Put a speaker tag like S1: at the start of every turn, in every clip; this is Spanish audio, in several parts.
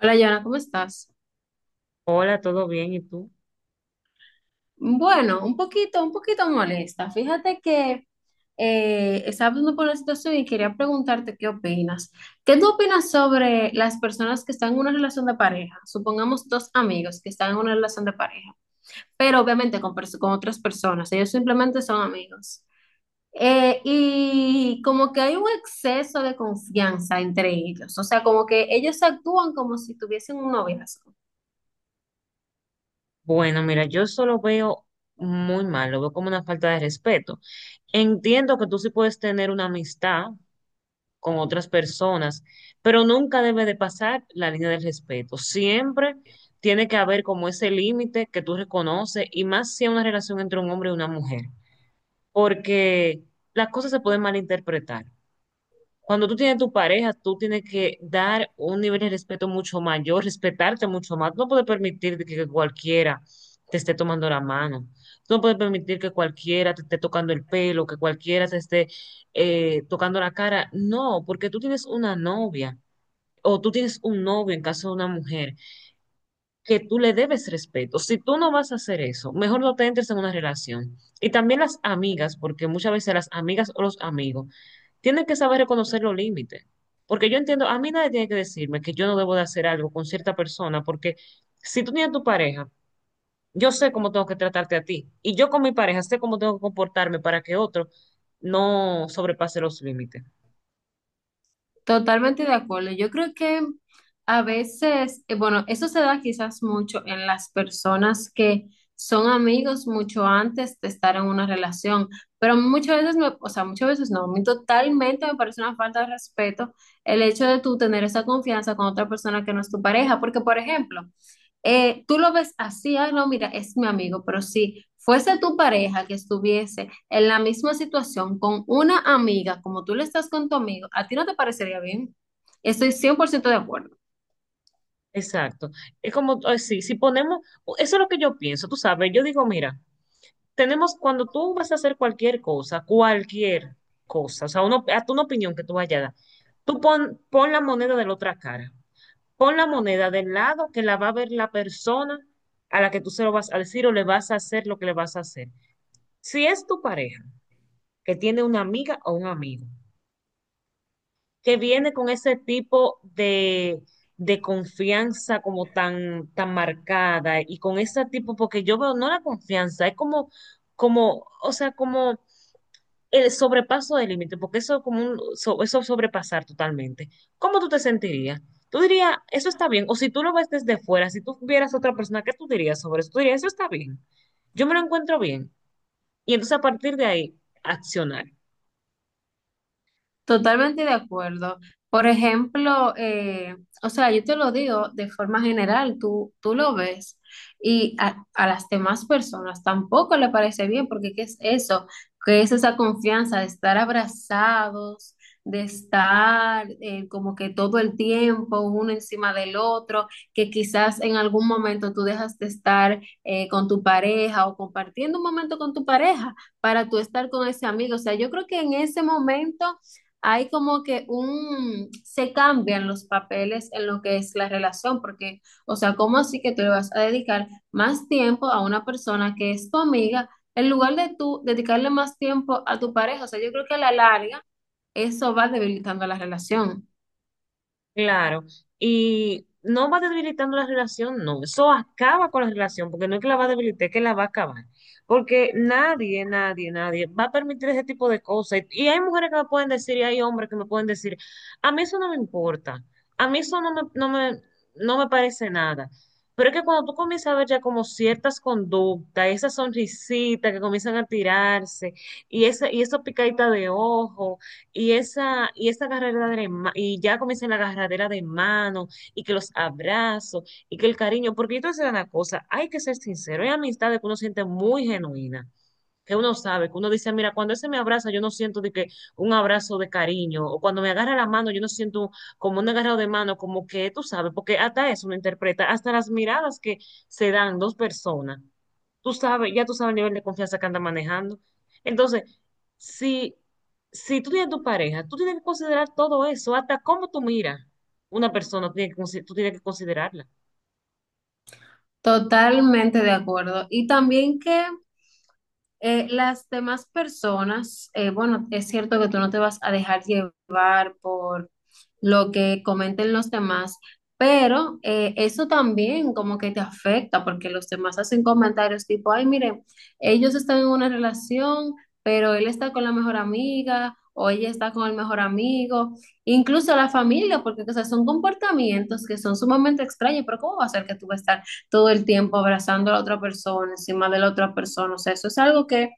S1: Hola, Yana, ¿cómo estás?
S2: Hola, ¿todo bien? ¿Y tú?
S1: Bueno, un poquito molesta. Fíjate que estaba pasando por una situación y quería preguntarte qué opinas. ¿Qué tú opinas sobre las personas que están en una relación de pareja? Supongamos dos amigos que están en una relación de pareja, pero obviamente con otras personas. Ellos simplemente son amigos. Y como que hay un exceso de confianza entre ellos. O sea, como que ellos actúan como si tuviesen un noviazgo.
S2: Bueno, mira, yo eso lo veo muy mal, lo veo como una falta de respeto. Entiendo que tú sí puedes tener una amistad con otras personas, pero nunca debe de pasar la línea del respeto. Siempre tiene que haber como ese límite que tú reconoces y más si es una relación entre un hombre y una mujer, porque las cosas se pueden malinterpretar. Cuando tú tienes tu pareja, tú tienes que dar un nivel de respeto mucho mayor, respetarte mucho más. Tú no puedes permitir de que cualquiera te esté tomando la mano. Tú no puedes permitir que cualquiera te esté tocando el pelo, que cualquiera te esté tocando la cara. No, porque tú tienes una novia o tú tienes un novio en caso de una mujer que tú le debes respeto. Si tú no vas a hacer eso, mejor no te entres en una relación. Y también las amigas, porque muchas veces las amigas o los amigos tiene que saber reconocer los límites. Porque yo entiendo, a mí nadie tiene que decirme que yo no debo de hacer algo con cierta persona, porque si tú tienes tu pareja, yo sé cómo tengo que tratarte a ti. Y yo con mi pareja sé cómo tengo que comportarme para que otro no sobrepase los límites.
S1: Totalmente de acuerdo. Yo creo que a veces, bueno, eso se da quizás mucho en las personas que son amigos mucho antes de estar en una relación, pero muchas veces no, a mí totalmente me parece una falta de respeto el hecho de tú tener esa confianza con otra persona que no es tu pareja, porque por ejemplo, tú lo ves así, ay, no, mira, es mi amigo, pero si fuese tu pareja que estuviese en la misma situación con una amiga, como tú le estás con tu amigo, a ti no te parecería bien. Estoy 100% de acuerdo.
S2: Exacto. Es como, sí, si ponemos, eso es lo que yo pienso, tú sabes, yo digo, mira, tenemos, cuando tú vas a hacer cualquier cosa, o sea, uno, hasta una opinión que tú vayas a dar, tú pon, pon la moneda de la otra cara. Pon la moneda del lado que la va a ver la persona a la que tú se lo vas a decir o le vas a hacer lo que le vas a hacer. Si es tu pareja que tiene una amiga o un amigo que viene con ese tipo de confianza como tan, tan marcada y con ese tipo, porque yo veo no la confianza, es como, como, o sea, como el sobrepaso del límite, porque eso es como un, eso es sobrepasar totalmente. ¿Cómo tú te sentirías? Tú dirías, eso está bien, o si tú lo ves desde fuera, si tú vieras a otra persona, ¿qué tú dirías sobre eso? Tú dirías, eso está bien, yo me lo encuentro bien. Y entonces a partir de ahí, accionar.
S1: Totalmente de acuerdo. Por ejemplo, o sea, yo te lo digo de forma general, tú lo ves y a las demás personas tampoco le parece bien, porque ¿qué es eso? ¿Qué es esa confianza de estar abrazados, de estar como que todo el tiempo uno encima del otro, que quizás en algún momento tú dejas de estar con tu pareja o compartiendo un momento con tu pareja para tú estar con ese amigo? O sea, yo creo que en ese momento hay como que se cambian los papeles en lo que es la relación, porque, o sea, ¿cómo así que tú le vas a dedicar más tiempo a una persona que es tu amiga en lugar de tú dedicarle más tiempo a tu pareja? O sea, yo creo que a la larga eso va debilitando la relación.
S2: Claro, y no va debilitando la relación, no, eso acaba con la relación, porque no es que la va a debilitar, es que la va a acabar, porque nadie, nadie, nadie va a permitir ese tipo de cosas, y hay mujeres que me pueden decir, y hay hombres que me pueden decir, a mí eso no me importa, a mí eso no me, no me parece nada, pero es que cuando tú comienzas a ver ya como ciertas conductas, esas sonrisitas que comienzan a tirarse, y esa picadita de ojo y esa carrera de la y ya comienza la carrera de mano, y que los abrazos, y que el cariño, porque yo te voy a decir una cosa, hay que ser sincero, hay amistades que uno siente muy genuina, que uno sabe, que uno dice, mira, cuando ese me abraza, yo no siento de que un abrazo de cariño, o cuando me agarra la mano, yo no siento como un agarrado de mano, como que tú sabes, porque hasta eso uno interpreta, hasta las miradas que se dan dos personas, tú sabes, ya tú sabes el nivel de confianza que anda manejando. Entonces, si, si tú tienes tu pareja, tú tienes que considerar todo eso, hasta cómo tú miras una persona, tú tienes que, tú tienes que considerarla.
S1: Totalmente de acuerdo. Y también que las demás personas, bueno, es cierto que tú no te vas a dejar llevar por lo que comenten los demás, pero eso también como que te afecta porque los demás hacen comentarios tipo, ay, miren, ellos están en una relación, pero él está con la mejor amiga o ella está con el mejor amigo, incluso la familia, porque o sea, son comportamientos que son sumamente extraños, pero ¿cómo va a ser que tú vas a estar todo el tiempo abrazando a la otra persona, encima de la otra persona? O sea, eso es algo que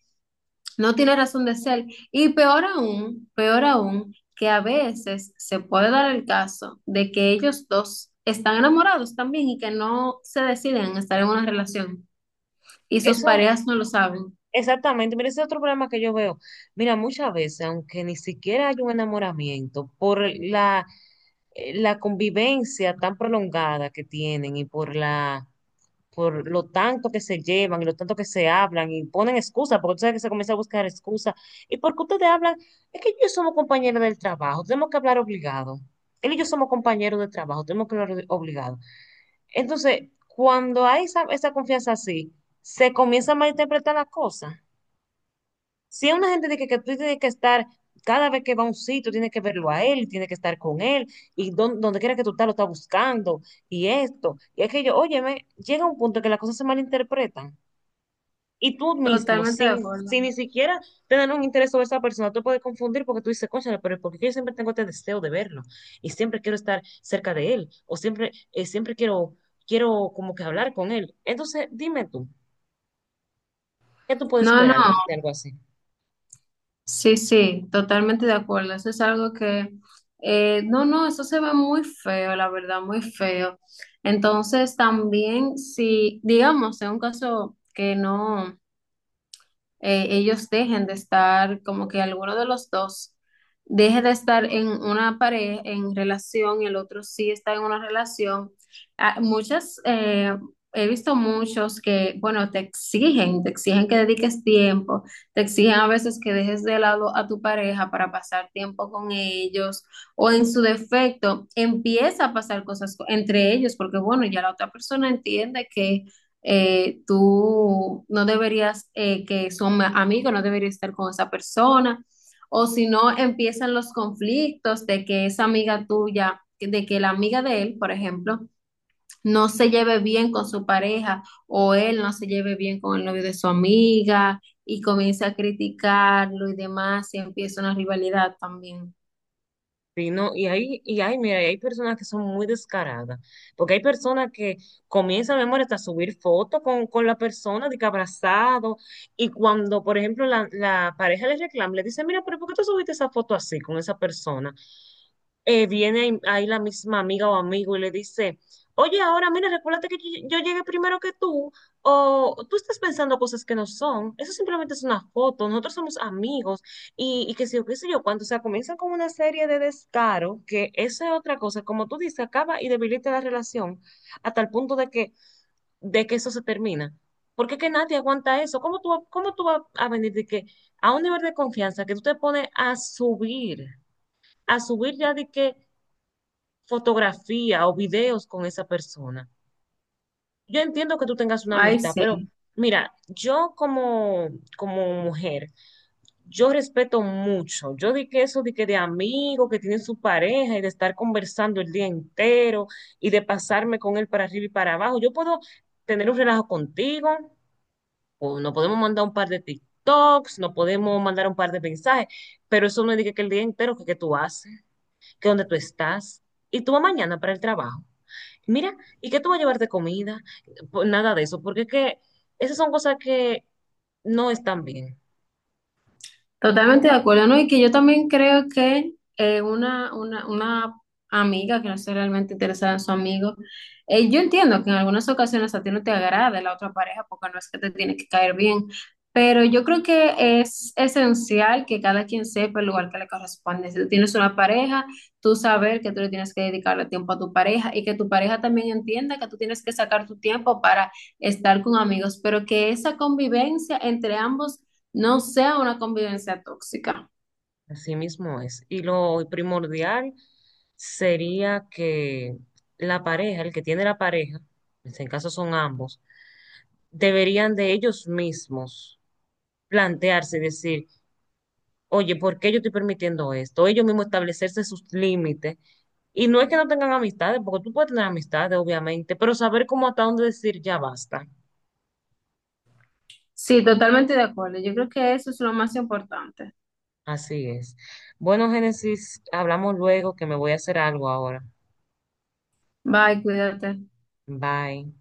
S1: no tiene razón de ser. Y peor aún, que a veces se puede dar el caso de que ellos dos están enamorados también y que no se deciden a estar en una relación y sus
S2: Eso,
S1: parejas no lo saben.
S2: exactamente, mira, ese es otro problema que yo veo. Mira, muchas veces, aunque ni siquiera hay un enamoramiento, por la, la convivencia tan prolongada que tienen y por la por lo tanto que se llevan y lo tanto que se hablan y ponen excusas, porque tú sabes que se comienza a buscar excusas. ¿Y por porque ustedes hablan? Es que ellos somos compañeros del trabajo, tenemos que hablar obligado. Él y yo somos compañeros de trabajo, tenemos que hablar obligado. Entonces, cuando hay esa, esa confianza así, se comienza a malinterpretar las cosas. Si es una gente de que tú tienes que estar, cada vez que va a un sitio, tienes que verlo a él, tienes que estar con él, y donde quiera que tú estás, lo estás buscando, y esto, y aquello, óyeme, llega un punto que las cosas se malinterpretan, y tú mismo,
S1: Totalmente de
S2: sin,
S1: acuerdo.
S2: sin ni siquiera tener un interés sobre esa persona, tú puedes confundir porque tú dices, cónchale, pero porque yo siempre tengo este deseo de verlo, y siempre quiero estar cerca de él, o siempre, siempre quiero, quiero como que hablar con él. Entonces, dime tú, ¿qué tú puedes
S1: No,
S2: esperar
S1: no,
S2: de algo así?
S1: sí, sí, totalmente de acuerdo. Eso es algo que, no, no, eso se ve muy feo, la verdad, muy feo. Entonces, también si, digamos, en un caso que no ellos dejen de estar, como que alguno de los dos deje de estar en una pareja, en relación, y el otro sí está en una relación. Ah, he visto muchos que, bueno, te exigen que dediques tiempo, te exigen a veces que dejes de lado a tu pareja para pasar tiempo con ellos, o en su defecto, empieza a pasar cosas co- entre ellos, porque bueno, ya la otra persona entiende que tú no deberías, que son amigos, no deberías estar con esa persona, o si no empiezan los conflictos de que esa amiga tuya, de que la amiga de él, por ejemplo, no se lleve bien con su pareja o él no se lleve bien con el novio de su amiga y comienza a criticarlo y demás y empieza una rivalidad también.
S2: Sí, no, y hay, mira, y hay personas que son muy descaradas, porque hay personas que comienzan, mi amor, hasta a subir fotos con la persona, de que abrazado, y cuando, por ejemplo, la pareja le reclama, le dice, mira, pero ¿por qué tú subiste esa foto así con esa persona? Viene ahí la misma amiga o amigo y le dice, oye, ahora mira, recuérdate que yo llegué primero que tú, o tú estás pensando cosas que no son, eso simplemente es una foto, nosotros somos amigos, y que sé yo, qué sé yo, cuando, o sea, comienzan con una serie de descaro, que esa es otra cosa, como tú dices, acaba y debilita la relación hasta el punto de que eso se termina. Porque es que nadie aguanta eso. ¿Cómo tú, cómo tú vas a venir de que a un nivel de confianza que tú te pones a subir ya de que fotografía o videos con esa persona. Yo entiendo que tú tengas una
S1: Ay,
S2: amistad,
S1: sí.
S2: pero mira, yo como, como mujer, yo respeto mucho. Yo di que eso di que de amigo, que tiene su pareja y de estar conversando el día entero y de pasarme con él para arriba y para abajo, yo puedo tener un relajo contigo, o no podemos mandar un par de TikToks, no podemos mandar un par de mensajes, pero eso no es de que el día entero que tú haces, que dónde tú estás y tú vas mañana para el trabajo. Mira, ¿y qué tú vas a llevar de comida? Pues nada de eso, porque es que esas son cosas que no están bien.
S1: Totalmente de acuerdo, ¿no? Y que yo también creo que una amiga que no esté realmente interesada en su amigo, yo entiendo que en algunas ocasiones a ti no te agrada la otra pareja porque no es que te tiene que caer bien, pero yo creo que es esencial que cada quien sepa el lugar que le corresponde. Si tú tienes una pareja, tú saber que tú le tienes que dedicarle tiempo a tu pareja y que tu pareja también entienda que tú tienes que sacar tu tiempo para estar con amigos, pero que esa convivencia entre ambos no sea una convivencia tóxica.
S2: Así mismo es. Y lo primordial sería que la pareja, el que tiene la pareja, en este caso son ambos, deberían de ellos mismos plantearse y decir, oye, ¿por qué yo estoy permitiendo esto? Ellos mismos establecerse sus límites. Y no es que no tengan amistades, porque tú puedes tener amistades, obviamente, pero saber cómo hasta dónde decir ya basta.
S1: Sí, totalmente de acuerdo. Yo creo que eso es lo más importante.
S2: Así es. Bueno, Génesis, hablamos luego que me voy a hacer algo ahora.
S1: Bye, cuídate.
S2: Bye.